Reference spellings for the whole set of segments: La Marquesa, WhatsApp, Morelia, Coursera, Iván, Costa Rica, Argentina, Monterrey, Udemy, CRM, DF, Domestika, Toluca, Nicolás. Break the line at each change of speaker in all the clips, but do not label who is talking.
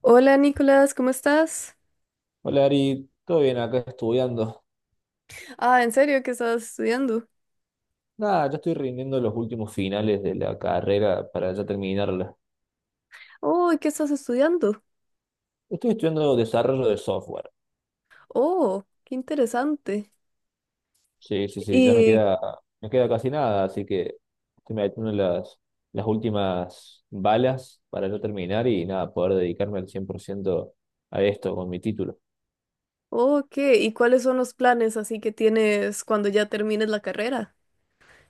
Hola Nicolás, ¿cómo estás?
Hola Ari, todo bien acá estudiando.
Ah, ¿en serio qué estás estudiando?
Nada, ya estoy rindiendo los últimos finales de la carrera para ya terminarla.
Oh, ¿qué estás estudiando?
Estoy estudiando desarrollo de software.
Oh, qué interesante.
Sí, sí, sí, ya
Y,
me queda casi nada, así que estoy metiendo las últimas balas para ya terminar y nada, poder dedicarme al 100% a esto con mi título.
oh, ¿qué? ¿Y cuáles son los planes así que tienes cuando ya termines la carrera?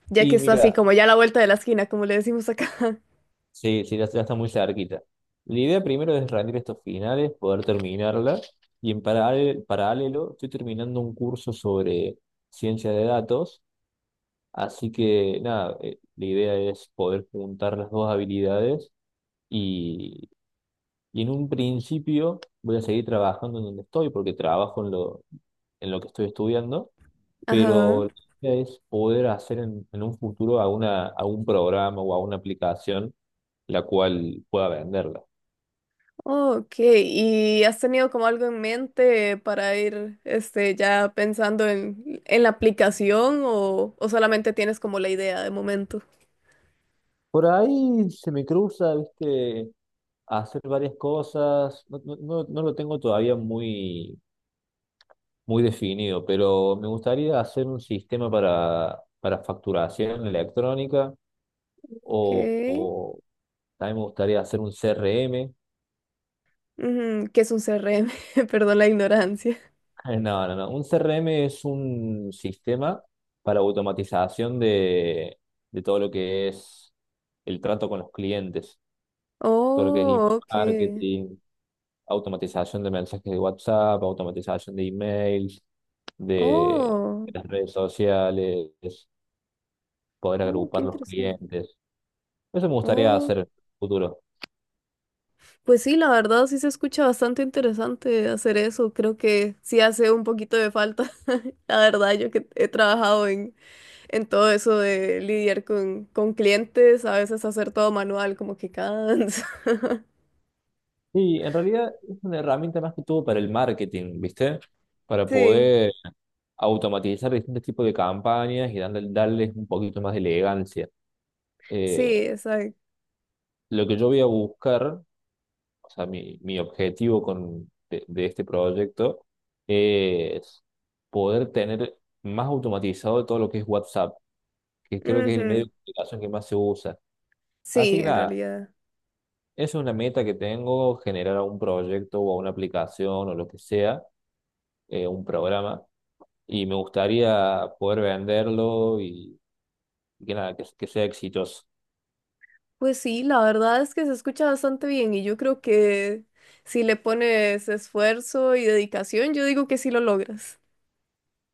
Ya que
Y
está así
mira,
como ya a la vuelta de la esquina, como le decimos acá.
sí, sí, ya, ya está muy cerquita. La idea primero es rendir estos finales, poder terminarla. Y paralelo, estoy terminando un curso sobre ciencia de datos. Así que nada, la idea es poder juntar las dos habilidades. Y, y en un principio voy a seguir trabajando en donde estoy, porque trabajo en lo que estoy estudiando.
Ajá.
Pero la idea es poder hacer en un futuro alguna, algún programa o alguna aplicación la cual pueda venderla.
Oh, ok. ¿Y has tenido como algo en mente para ir, este, ya pensando en la aplicación o solamente tienes como la idea de momento?
Por ahí se me cruza, viste, hacer varias cosas. No, no lo tengo todavía muy, muy definido, pero me gustaría hacer un sistema para facturación electrónica
Ok.
o también me gustaría hacer un CRM.
Ujú. ¿Qué es un CRM? Perdón la ignorancia.
No, no, no. Un CRM es un sistema para automatización de todo lo que es el trato con los clientes. Todo lo que es
Oh,
email
ok.
marketing, automatización de mensajes de WhatsApp, automatización de emails, de
Oh,
las redes sociales, poder
oh, qué
agrupar los
interesante.
clientes. Eso me gustaría
Oh,
hacer en el futuro.
pues sí, la verdad sí se escucha bastante interesante hacer eso. Creo que sí hace un poquito de falta. La verdad, yo que he trabajado en todo eso de lidiar con clientes, a veces hacer todo manual, como que cansa.
Y en realidad es una herramienta más que todo para el marketing, ¿viste? Para
Sí,
poder automatizar distintos tipos de campañas y darles un poquito más de elegancia.
sí,
Eh,
exacto.
lo que yo voy a buscar, o sea, mi objetivo de este proyecto es poder tener más automatizado todo lo que es WhatsApp, que creo que es el medio
Ujú.
de comunicación que más se usa. Así
Sí,
que
en
nada,
realidad.
eso es una meta que tengo, generar un proyecto o una aplicación o lo que sea, un programa, y me gustaría poder venderlo y que nada, que sea exitoso.
Pues sí, la verdad es que se escucha bastante bien y yo creo que si le pones esfuerzo y dedicación, yo digo que sí lo logras.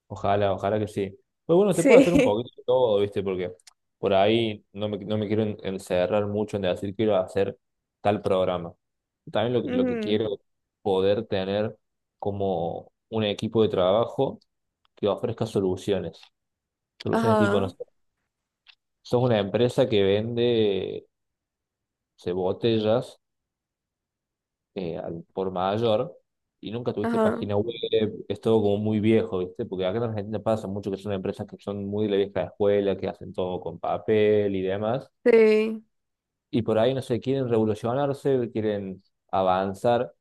Ojalá, ojalá que sí. Pero bueno, se puede hacer un
Sí.
poquito de todo, ¿viste? Porque por ahí no me quiero encerrar mucho en decir quiero hacer tal programa. También lo que
Ujú.
quiero es poder tener como un equipo de trabajo que ofrezca soluciones. Soluciones tipo, no
Ajá,
sé, sos una empresa que vende, no sé, botellas, al por mayor y nunca tuviste
ajá.
página web, es todo como muy viejo, ¿viste? Porque acá en Argentina pasa mucho que son empresas que son muy de la vieja escuela, que hacen todo con papel y demás,
Sí.
y por ahí, no sé, quieren revolucionarse, quieren avanzar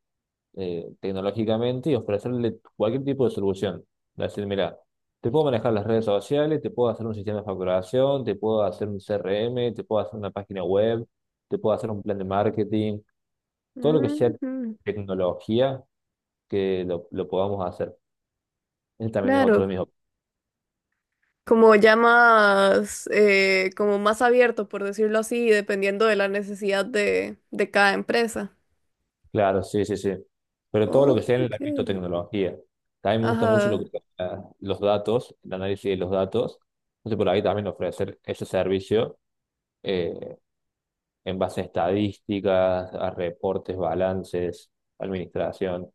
tecnológicamente y ofrecerle cualquier tipo de solución. Decir, mira, te puedo manejar las redes sociales, te puedo hacer un sistema de facturación, te puedo hacer un CRM, te puedo hacer una página web, te puedo hacer un plan de marketing, todo lo que sea
Ujú.
tecnología que lo podamos hacer. Ese también es otro de
Claro,
mis...
como ya más, como más abierto, por decirlo así, dependiendo de la necesidad de cada empresa.
Claro, sí, sí, sí. Pero todo lo
Ok.
que sea en el ámbito de tecnología. También me gusta mucho lo
Ajá.
que los datos, el análisis de los datos. Entonces, por ahí también ofrecer ese servicio, eh, en base a estadísticas, a reportes, balances, administración.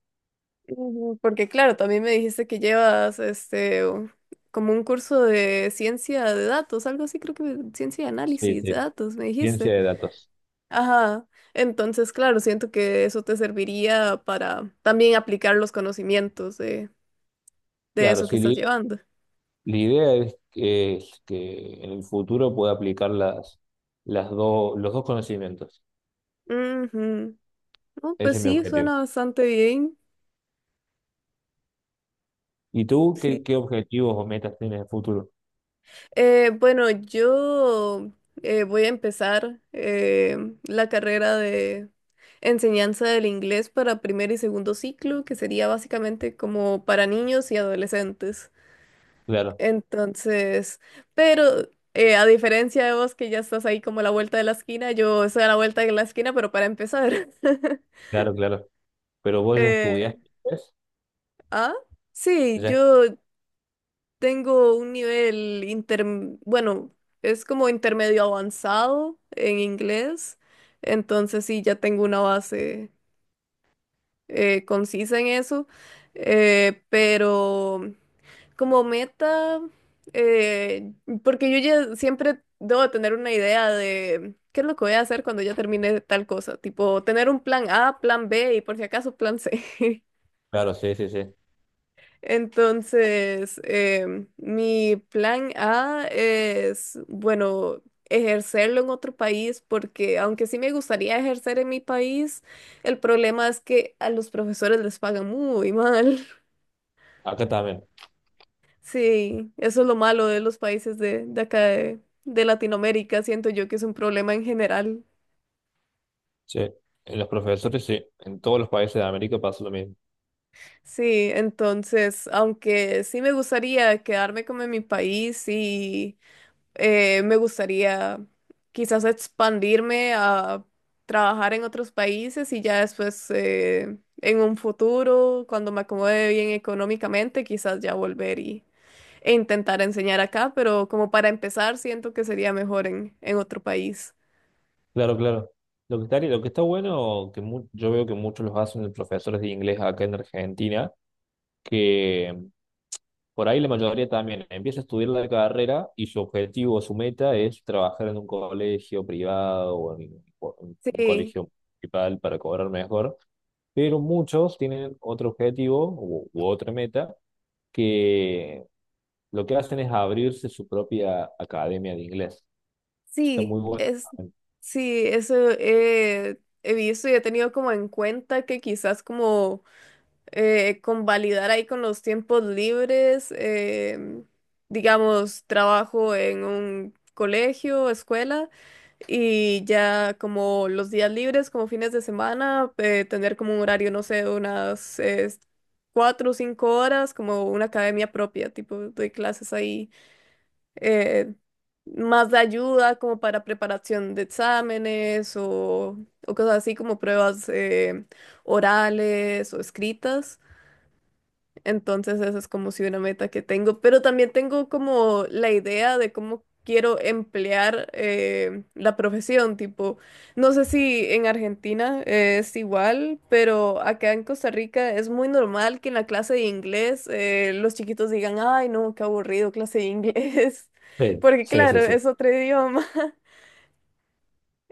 Ujú. Porque claro, también me dijiste que llevas como un curso de ciencia de datos, algo así creo que ciencia de
Sí,
análisis de
sí,
datos, me
ciencia
dijiste.
de datos.
Ajá. Entonces, claro, siento que eso te serviría para también aplicar los conocimientos de
Claro,
eso que
sí,
estás llevando.
la idea es es que en el futuro pueda aplicar las dos los dos conocimientos.
Ujú. No,
Ese
pues
es mi
sí,
objetivo.
suena bastante bien.
Y tú,
Sí,
¿qué objetivos o metas tienes de futuro?
Bueno, yo voy a empezar la carrera de enseñanza del inglés para primer y segundo ciclo, que sería básicamente como para niños y adolescentes.
Claro,
Entonces, pero a diferencia de vos que ya estás ahí como a la vuelta de la esquina, yo estoy a la vuelta de la esquina, pero para empezar.
claro, claro. Pero vos ya
Eh,
estudiaste inglés,
ah, sí,
ya,
yo tengo un nivel bueno, es como intermedio avanzado en inglés, entonces sí, ya tengo una base concisa en eso, pero como meta, eh, porque yo ya siempre debo tener una idea de qué es lo que voy a hacer cuando ya termine tal cosa, tipo tener un plan A, plan B y por si acaso plan C.
claro, sí, sí, sí.
Entonces, mi plan A es, bueno, ejercerlo en otro país, porque aunque sí me gustaría ejercer en mi país, el problema es que a los profesores les pagan muy mal.
Acá también,
Sí, eso es lo malo de los países de acá de Latinoamérica, siento yo que es un problema en general.
sí. En los profesores, sí. En todos los países de América pasa lo mismo.
Sí, entonces, aunque sí me gustaría quedarme como en mi país y me gustaría quizás expandirme a trabajar en otros países y ya después en un futuro, cuando me acomode bien económicamente, quizás ya volver y, e intentar enseñar acá, pero como para empezar siento que sería mejor en otro país.
Claro, claro. Lo que está bueno, que yo veo que muchos los hacen de profesores de inglés acá en Argentina, que por ahí la mayoría también empieza a estudiar la carrera y su objetivo o su meta es trabajar en un colegio privado o en un
Sí,
colegio municipal para cobrar mejor. Pero muchos tienen otro objetivo u otra meta que lo que hacen es abrirse su propia academia de inglés. Está
sí,
muy bueno.
sí, eso he visto y he tenido como en cuenta que quizás como convalidar ahí con los tiempos libres, digamos, trabajo en un colegio, escuela, y ya como los días libres, como fines de semana, tener como un horario, no sé, unas 4 o 5 horas, como una academia propia, tipo, doy clases ahí, eh, más de ayuda como para preparación de exámenes o cosas así como pruebas orales o escritas. Entonces esa es como si una meta que tengo, pero también tengo como la idea de cómo quiero emplear la profesión, tipo, no sé si en Argentina es igual, pero acá en Costa Rica es muy normal que en la clase de inglés los chiquitos digan, ay, no, qué aburrido clase de inglés,
Sí,
porque
sí,
claro,
sí, sí.
es otro idioma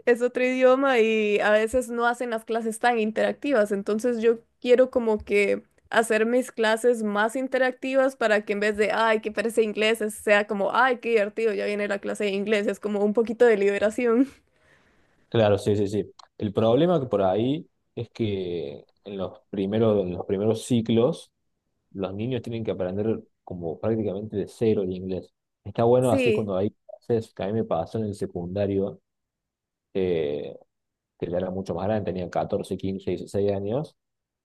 es otro idioma y a veces no hacen las clases tan interactivas. Entonces yo quiero como que hacer mis clases más interactivas para que en vez de, ay, qué parece inglés, sea como, ay, qué divertido, ya viene la clase de inglés. Es como un poquito de liberación.
Claro, sí, sí, sí. El problema que por ahí es que en en los primeros ciclos los niños tienen que aprender como prácticamente de cero el inglés. Está bueno así
Sí,
cuando hay clases, que a mí me pasó en el secundario, eh, que ya era mucho más grande, tenía 14, 15, 16 años,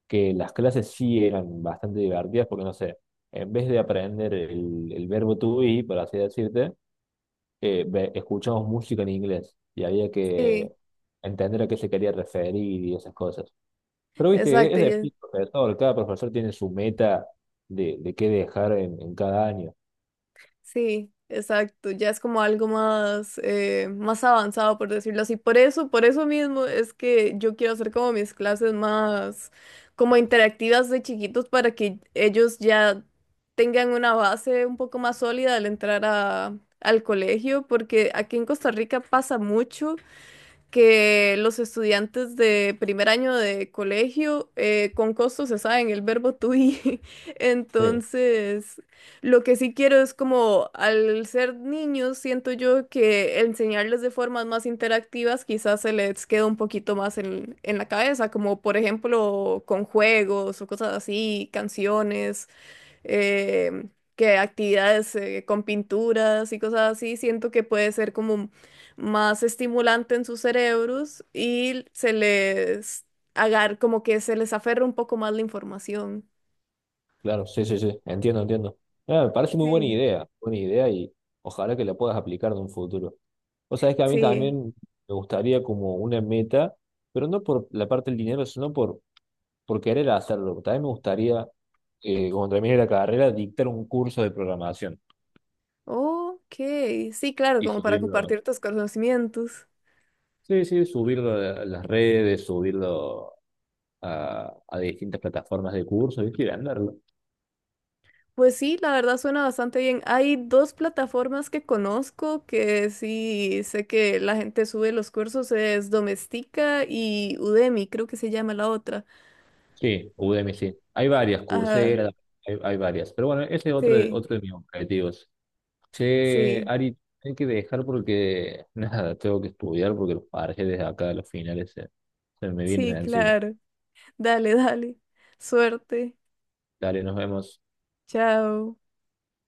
que las clases sí eran bastante divertidas porque, no sé, en vez de aprender el verbo to be, por así decirte, escuchamos música en inglés y había
sí,
que entender a qué se quería referir y esas cosas. Pero, viste,
exacto.
es de profesor, cada profesor tiene su meta de qué dejar en cada año.
Sí, exacto, ya es como algo más, más avanzado, por decirlo así. Por eso mismo es que yo quiero hacer como mis clases más como interactivas de chiquitos para que ellos ya tengan una base un poco más sólida al entrar a, al colegio, porque aquí en Costa Rica pasa mucho que los estudiantes de primer año de colegio con costo se saben el verbo to be.
Sí,
Entonces, lo que sí quiero es como al ser niños, siento yo que enseñarles de formas más interactivas quizás se les queda un poquito más en la cabeza, como por ejemplo con juegos o cosas así, canciones eh, que actividades con pinturas y cosas así, siento que puede ser como más estimulante en sus cerebros y se les agar como que se les aferra un poco más la información.
claro, sí, sí, sí, entiendo, entiendo. Ah, me parece muy buena
Sí.
idea, buena idea, y ojalá que la puedas aplicar en un futuro. O sea, es que a mí
Sí.
también me gustaría como una meta, pero no por la parte del dinero, sino por querer hacerlo. También me gustaría, cuando termine la carrera, dictar un curso de programación
Ok, sí, claro,
y
como para
subirlo.
compartir tus conocimientos.
Sí, sí, subirlo a las redes, subirlo a distintas plataformas de curso, ¿viste? Y venderlo.
Pues sí, la verdad suena bastante bien. Hay dos plataformas que conozco que sí sé que la gente sube los cursos, es Domestika y Udemy, creo que se llama la otra.
Sí, Udemy, sí. Hay varias,
Ajá,
Coursera, hay varias. Pero bueno, ese es otro,
sí,
otro de mis objetivos. Che,
sí,
Ari, hay que dejar porque nada, tengo que estudiar porque los parciales de acá, los finales se, se me vienen
sí,
encima.
claro. Dale, dale. Suerte.
Dale, nos vemos.
Chao.